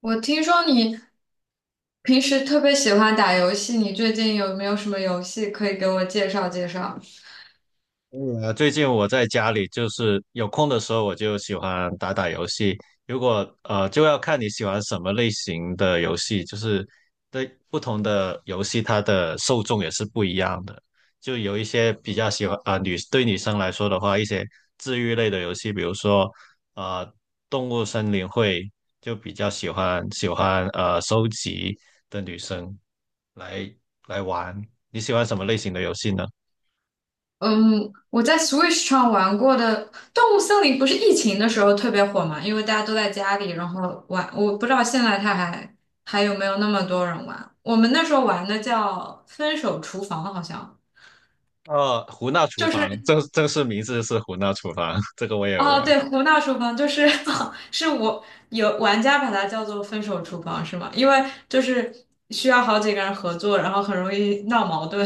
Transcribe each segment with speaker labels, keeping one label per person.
Speaker 1: 我听说你平时特别喜欢打游戏，你最近有没有什么游戏可以给我介绍介绍？
Speaker 2: 最近我在家里就是有空的时候，我就喜欢打打游戏。如果就要看你喜欢什么类型的游戏，就是对不同的游戏，它的受众也是不一样的。就有一些比较喜欢啊、女生来说的话，一些治愈类的游戏，比如说呃，动物森林会就比较喜欢收集的女生来来玩。你喜欢什么类型的游戏呢？
Speaker 1: 嗯，我在 Switch 上玩过的《动物森林》不是疫情的时候特别火嘛，因为大家都在家里，然后玩。我不知道现在它还有没有那么多人玩。我们那时候玩的叫《分手厨房》，好像
Speaker 2: 哦，胡闹厨
Speaker 1: 就
Speaker 2: 房，
Speaker 1: 是
Speaker 2: 正式名字是胡闹厨房，这个我也有
Speaker 1: 哦，
Speaker 2: 玩
Speaker 1: 对，
Speaker 2: 过。
Speaker 1: 胡闹厨房就是 是我有玩家把它叫做分手厨房是吗？因为就是需要好几个人合作，然后很容易闹矛盾。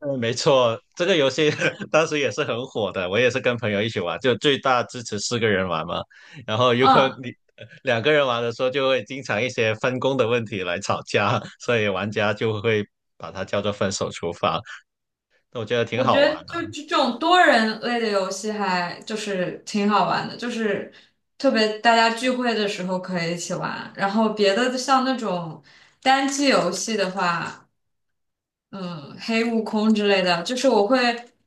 Speaker 2: 嗯，没错，这个游戏 当时也是很火的，我也是跟朋友一起玩，就最大支持四个人玩嘛。然后 如果
Speaker 1: 嗯，
Speaker 2: 你两个人玩的时候，就会经常一些分工的问题来吵架，所以玩家就会把它叫做分手厨房。那我觉得挺
Speaker 1: 我觉
Speaker 2: 好玩
Speaker 1: 得
Speaker 2: 的。
Speaker 1: 就这种多人类的游戏还就是挺好玩的，就是特别大家聚会的时候可以一起玩。然后别的像那种单机游戏的话，嗯，黑悟空之类的，就是我会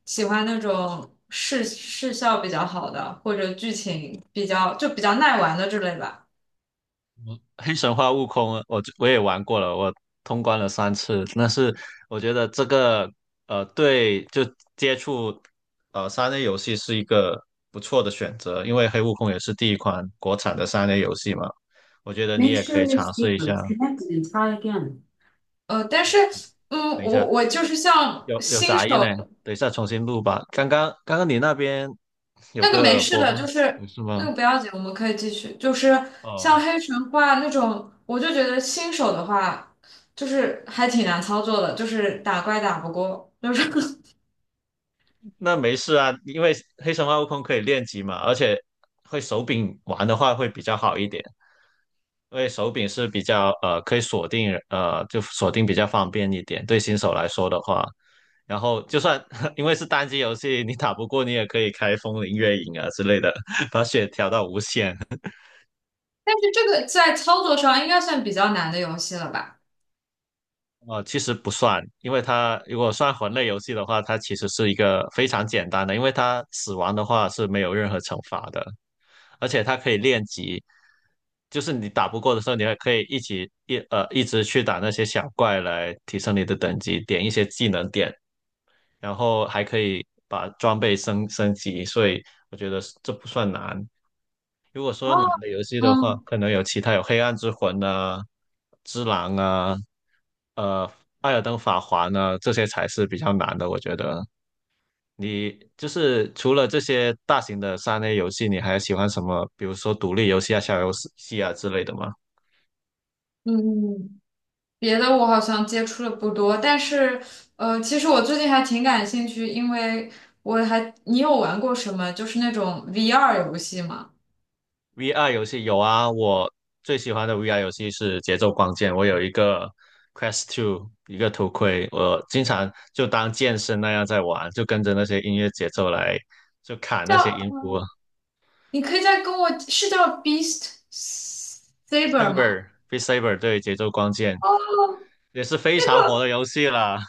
Speaker 1: 喜欢那种视效比较好的，或者剧情比较就比较耐玩的之类吧。
Speaker 2: 黑神话悟空，我也玩过了，我通关了三次。但是我觉得这个对，就接触三 A 游戏是一个不错的选择，因为黑悟空也是第一款国产的三 A 游戏嘛。我觉得你
Speaker 1: Make
Speaker 2: 也可
Speaker 1: sure
Speaker 2: 以
Speaker 1: y o u
Speaker 2: 尝试一
Speaker 1: speaker
Speaker 2: 下。
Speaker 1: is connected and try again. 但
Speaker 2: 哦，
Speaker 1: 是，
Speaker 2: 是。等一
Speaker 1: 我
Speaker 2: 下，
Speaker 1: 我就是像
Speaker 2: 有
Speaker 1: 新
Speaker 2: 杂音呢，
Speaker 1: 手
Speaker 2: 等一下重新录吧。刚刚你那边有
Speaker 1: 那个没
Speaker 2: 个
Speaker 1: 事
Speaker 2: 播
Speaker 1: 的，
Speaker 2: 放，
Speaker 1: 就是
Speaker 2: 不是
Speaker 1: 那个
Speaker 2: 吗？
Speaker 1: 不要紧，我们可以继续。就是像
Speaker 2: 哦。
Speaker 1: 黑神话那种，我就觉得新手的话，就是还挺难操作的，就是打怪打不过，就是
Speaker 2: 那没事啊，因为黑神话悟空可以练级嘛，而且会手柄玩的话会比较好一点，因为手柄是比较可以锁定就锁定比较方便一点，对新手来说的话，然后就算 因为是单机游戏，你打不过你也可以开风铃月影啊之类的，把血调到无限。
Speaker 1: 但是这个在操作上应该算比较难的游戏了吧？
Speaker 2: 其实不算，因为它如果算魂类游戏的话，它其实是一个非常简单的，因为它死亡的话是没有任何惩罚的。而且它可以练级，就是你打不过的时候，你还可以一起一呃一直去打那些小怪来提升你的等级，点一些技能点，然后还可以把装备升级，所以我觉得这不算难。
Speaker 1: 哦，
Speaker 2: 那游戏的话，
Speaker 1: 嗯
Speaker 2: 可能有其他有黑暗之魂啊、之狼啊、呃艾尔登法环啊，这些才是比较难的，我觉得。你就是除了这些大型的三 A 游戏，你还喜欢什么？比如说独立游戏啊、小游戏啊之类的吗
Speaker 1: 嗯，别的我好像接触的不多，但是其实我最近还挺感兴趣，因为你有玩过什么就是那种 VR 游戏吗？
Speaker 2: ？VR 游戏有啊，我最喜欢的 VR 游戏是《节奏光剑》，我有一个 Quest Two 一个头盔，我经常就当健身那样在玩，就跟着那些音乐节奏来，就砍那些
Speaker 1: 叫，
Speaker 2: 音符。
Speaker 1: 你可以再跟我，是叫 Beast Saber 吗？
Speaker 2: B e a Saber 对，《节奏光剑》也是非
Speaker 1: 那
Speaker 2: 常火
Speaker 1: 个
Speaker 2: 的游戏了。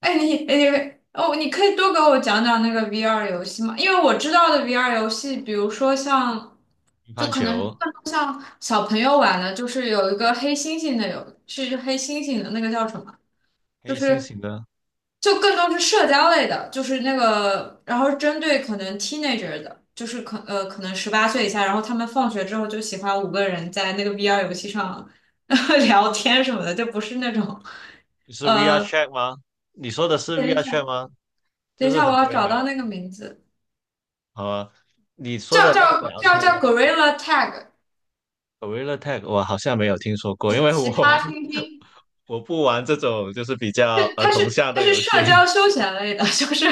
Speaker 1: 哎，你哎哦，你可以多给我讲讲那个 VR 游戏吗？因为我知道的 VR 游戏，比如说像，
Speaker 2: 乒
Speaker 1: 就
Speaker 2: 乓
Speaker 1: 可能
Speaker 2: 球、
Speaker 1: 小朋友玩的，就是有一个黑猩猩的，是黑猩猩的那个叫什么？就
Speaker 2: 黑猩
Speaker 1: 是
Speaker 2: 猩的。
Speaker 1: 就更多是社交类的，就是那个，然后针对可能 teenager 的，就是可能18岁以下，然后他们放学之后就喜欢五个人在那个 VR 游戏上 聊天什么的，就不是那种
Speaker 2: 你是 VR
Speaker 1: 呃，
Speaker 2: Chat 吗？你说的是
Speaker 1: 等一
Speaker 2: VR
Speaker 1: 下，
Speaker 2: Chat 吗？
Speaker 1: 等
Speaker 2: 就
Speaker 1: 一
Speaker 2: 是
Speaker 1: 下，我
Speaker 2: 很
Speaker 1: 要
Speaker 2: 多人
Speaker 1: 找到
Speaker 2: 聊的。
Speaker 1: 那个名字，
Speaker 2: 好啊。你说
Speaker 1: 叫
Speaker 2: 的那个
Speaker 1: 叫
Speaker 2: 聊
Speaker 1: 叫
Speaker 2: 天
Speaker 1: 叫
Speaker 2: 的
Speaker 1: Gorilla Tag，
Speaker 2: g r i l l a Tag，我好像没有听说过，
Speaker 1: 奇
Speaker 2: 因为
Speaker 1: 奇葩
Speaker 2: 我
Speaker 1: 猩 猩。
Speaker 2: 我不玩这种就是比较
Speaker 1: 对，
Speaker 2: 儿
Speaker 1: 它
Speaker 2: 童
Speaker 1: 是
Speaker 2: 向
Speaker 1: 它
Speaker 2: 的
Speaker 1: 是
Speaker 2: 游戏。
Speaker 1: 社交休闲类的，就是，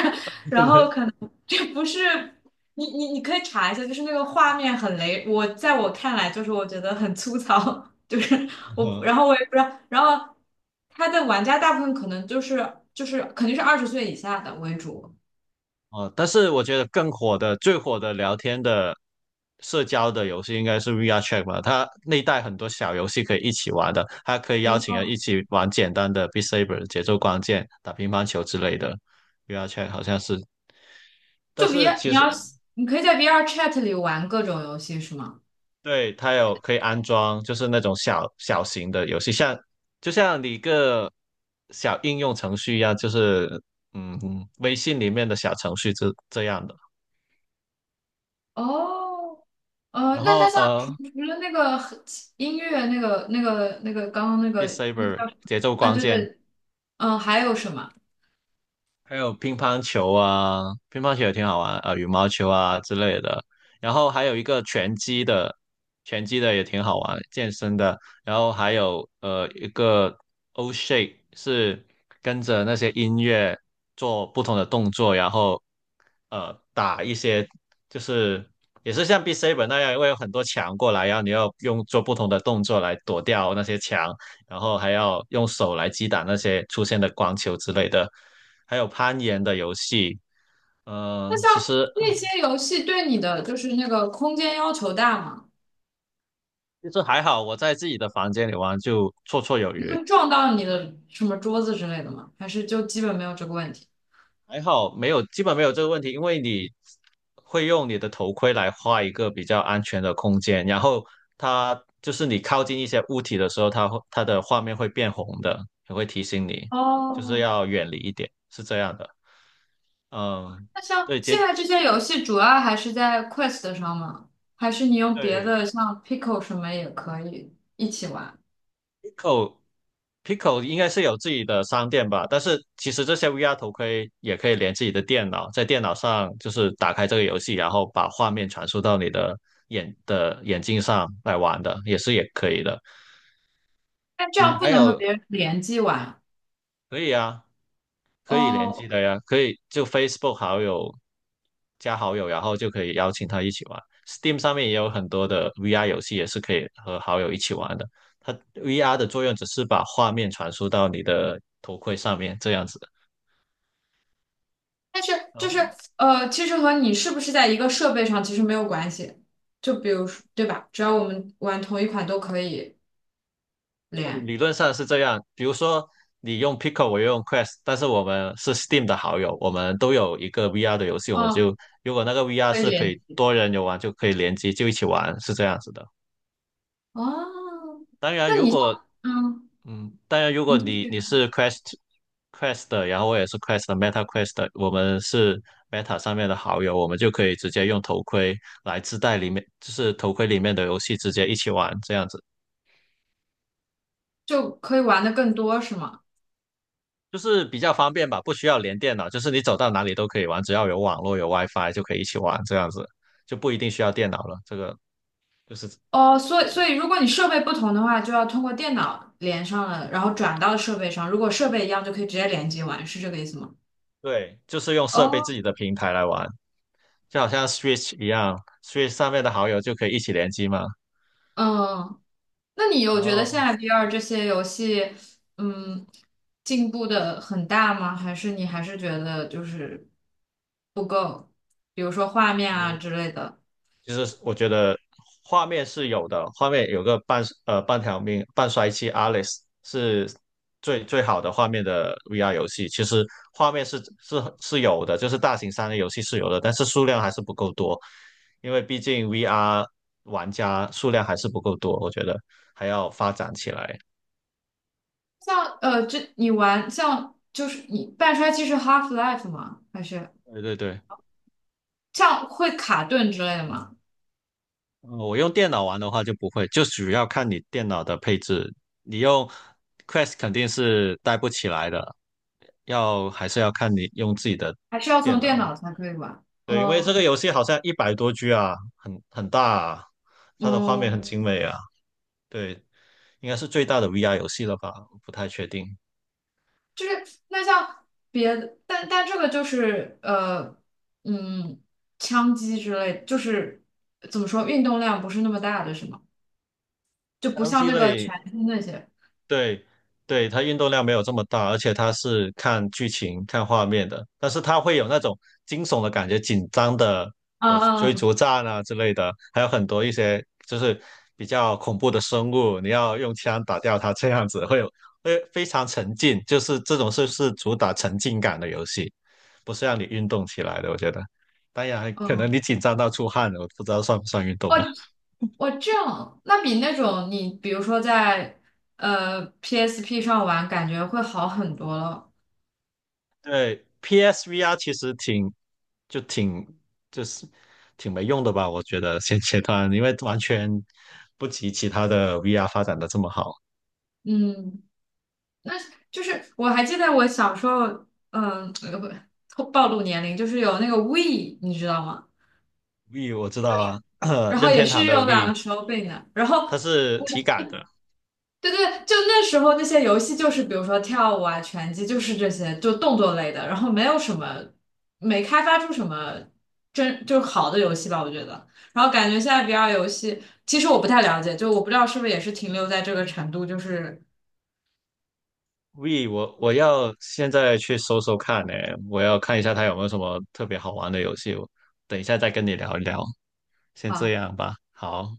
Speaker 1: 然 后可能这不是你可以查一下，就是那个画面很雷，我在我看来就是我觉得很粗糙，就是我，
Speaker 2: 哦，
Speaker 1: 然后我也不知道，然后它的玩家大部分可能就是肯定是20岁以下的为主
Speaker 2: 哦，但是我觉得更火的、最火的聊天的社交的游戏应该是 VR Chat 吧，它内带很多小游戏可以一起玩的，它可以邀请
Speaker 1: ，VR
Speaker 2: 人一起玩简单的 Beat Saber、节奏光剑、打乒乓球之类的。VR Chat 好像是。但
Speaker 1: 就
Speaker 2: 是
Speaker 1: VR
Speaker 2: 其
Speaker 1: 你
Speaker 2: 实，
Speaker 1: 要你可以在 VR Chat 里玩各种游戏是吗？
Speaker 2: 对，它有可以安装，就是那种小型的游戏，像就像你一个小应用程序一样，就是嗯，微信里面的小程序这样的。
Speaker 1: 哦，
Speaker 2: 然
Speaker 1: 那
Speaker 2: 后
Speaker 1: 那像除除了那个和音乐，刚刚那
Speaker 2: Beat
Speaker 1: 个那个
Speaker 2: Saber
Speaker 1: 叫什么？
Speaker 2: 节奏
Speaker 1: 啊，
Speaker 2: 光
Speaker 1: 对
Speaker 2: 剑。
Speaker 1: 对，还有什么？
Speaker 2: 还有乒乓球啊，乒乓球也挺好玩，羽毛球啊之类的。然后还有一个拳击的，拳击的也挺好玩，健身的。然后还有一个 O shape 是跟着那些音乐做不同的动作，然后打一些，就是也是像 b e a s a 那样，会有很多墙过来，然后你要用做不同的动作来躲掉那些墙。然后还要用手来击打那些出现的光球之类的，还有攀岩的游戏。
Speaker 1: 那
Speaker 2: 嗯、其
Speaker 1: 像
Speaker 2: 实
Speaker 1: 那些游戏对你的就是那个空间要求大吗？
Speaker 2: 其实还好，我在自己的房间里玩就绰绰有
Speaker 1: 你
Speaker 2: 余，
Speaker 1: 会撞到你的什么桌子之类的吗？还是就基本没有这个问题？
Speaker 2: 还好没有，基本没有这个问题，因为你会用你的头盔来画一个比较安全的空间，然后它就是你靠近一些物体的时候，它会它的画面会变红的，也会提醒你，就是
Speaker 1: 哦，
Speaker 2: 要远离一点，是这样的。嗯，
Speaker 1: 那像
Speaker 2: 对，
Speaker 1: 现在这些游戏主要还是在 Quest 上吗？还是你用别
Speaker 2: 对，
Speaker 1: 的像 Pico 什么也可以一起玩？
Speaker 2: Eco Pico 应该是有自己的商店吧，但是其实这些 VR 头盔也可以连自己的电脑，在电脑上就是打开这个游戏，然后把画面传输到你的眼镜上来玩的，也是也可以的。
Speaker 1: 但这
Speaker 2: 嗯，
Speaker 1: 样不
Speaker 2: 还
Speaker 1: 能和
Speaker 2: 有
Speaker 1: 别人联机玩。
Speaker 2: 可以啊，可以联机
Speaker 1: 哦
Speaker 2: 的呀，可以就 Facebook 好友加好友，然后就可以邀请他一起玩。Steam 上面也有很多的 VR 游戏，也是可以和好友一起玩的。它 VR 的作用只是把画面传输到你的头盔上面，这样子。
Speaker 1: 但是就是
Speaker 2: 哦，
Speaker 1: 其实和你是不是在一个设备上其实没有关系。就比如说，对吧？只要我们玩同一款都可以
Speaker 2: 那你
Speaker 1: 连，
Speaker 2: 理论上是这样。比如说，你用 Pico，我用 Quest，但是我们是 Steam 的好友，我们都有一个 VR 的游戏，我们
Speaker 1: 嗯，
Speaker 2: 就如果那个 VR
Speaker 1: 可以
Speaker 2: 是可
Speaker 1: 连。
Speaker 2: 以多人游玩，就可以联机，就一起玩，是这样子的。
Speaker 1: 哦，
Speaker 2: 当然，
Speaker 1: 那你像，嗯，
Speaker 2: 如
Speaker 1: 你
Speaker 2: 果
Speaker 1: 继
Speaker 2: 你
Speaker 1: 续
Speaker 2: 你
Speaker 1: 说
Speaker 2: 是 Quest 的，然后我也是 Quest 的 Meta Quest 的，我们是 Meta 上面的好友，我们就可以直接用头盔来自带里面，就是头盔里面的游戏直接一起玩，这样子。
Speaker 1: 就可以玩的更多是吗？
Speaker 2: 就是比较方便吧，不需要连电脑，就是你走到哪里都可以玩，只要有网络有 WiFi 就可以一起玩，这样子就不一定需要电脑了。这个就是，
Speaker 1: 哦，所以如果你设备不同的话，就要通过电脑连上了，然后转到设备上。如果设备一样，就可以直接连接玩，是这个意思吗？
Speaker 2: 对，就是用设备自
Speaker 1: 哦，
Speaker 2: 己的平台来玩，就好像 Switch 一样，Switch 上面的好友就可以一起联机嘛。
Speaker 1: 嗯那你有
Speaker 2: 然
Speaker 1: 觉得现
Speaker 2: 后
Speaker 1: 在 VR 这些游戏，嗯，进步的很大吗？还是你还是觉得就是不够？比如说画面啊之类的，
Speaker 2: 就是我觉得画面是有的，画面有个半条命、半衰期 Alice 是最好的画面的 VR 游戏。其实画面是有的，就是大型三 A 游戏是有的，但是数量还是不够多，因为毕竟 VR 玩家数量还是不够多，我觉得还要发展起来。
Speaker 1: 像这你玩像就是你半衰期是 Half-Life 吗？还是
Speaker 2: 对对对。
Speaker 1: 像会卡顿之类的吗？
Speaker 2: 我用电脑玩的话就不会，就主要看你电脑的配置。你用 Quest 肯定是带不起来的，还是要看你用自己的
Speaker 1: 还是要从
Speaker 2: 电
Speaker 1: 电
Speaker 2: 脑。
Speaker 1: 脑才可以玩？
Speaker 2: 对，因为这
Speaker 1: 哦，
Speaker 2: 个游戏好像100多 G 啊，很大啊，它的画面
Speaker 1: 哦。
Speaker 2: 很精美啊。对，应该是最大的 VR 游戏了吧？不太确定。
Speaker 1: 就是那像别的，但这个就是嗯，枪击之类，就是怎么说，运动量不是那么大的，是吗？就不
Speaker 2: 单
Speaker 1: 像
Speaker 2: 机
Speaker 1: 那个拳
Speaker 2: 类，
Speaker 1: 击那些。
Speaker 2: 对，对，它运动量没有这么大，而且它是看剧情、看画面的，但是它会有那种惊悚的感觉、紧张的
Speaker 1: 嗯
Speaker 2: 追
Speaker 1: 嗯
Speaker 2: 逐战啊之类的，还有很多一些就是比较恐怖的生物，你要用枪打掉它，这样子会有会非常沉浸，就是这种是主打沉浸感的游戏，不是让你运动起来的，我觉得。当然，可能
Speaker 1: 嗯，
Speaker 2: 你紧张到出汗了，我不知道算不算运动
Speaker 1: 哦
Speaker 2: 了。
Speaker 1: 我这样，那比那种你比如说在PSP 上玩，感觉会好很多了。
Speaker 2: 对，PSVR 其实挺就挺就是挺没用的吧，我觉得现阶段，因为完全不及其他的 VR 发展的这么好。
Speaker 1: 嗯，那就是我还记得我小时候，嗯，呃不暴露年龄，就是有那个 w e 你知道吗？
Speaker 2: V 我知道啊，
Speaker 1: 然后
Speaker 2: 任
Speaker 1: 也
Speaker 2: 天堂
Speaker 1: 是
Speaker 2: 的
Speaker 1: 有两
Speaker 2: V
Speaker 1: 个手柄的，然后
Speaker 2: 它是体感的
Speaker 1: 对对，就那时候那些游戏就是比如说跳舞啊、拳击，就是这些就动作类的，然后没有什么没开发出什么真就是好的游戏吧，我觉得。然后感觉现在 VR 游戏，其实我不太了解，就我不知道是不是也是停留在这个程度，就是。
Speaker 2: V，我要现在去搜搜看呢，我要看一下它有没有什么特别好玩的游戏，我等一下再跟你聊一聊，先这
Speaker 1: 啊。
Speaker 2: 样吧，好。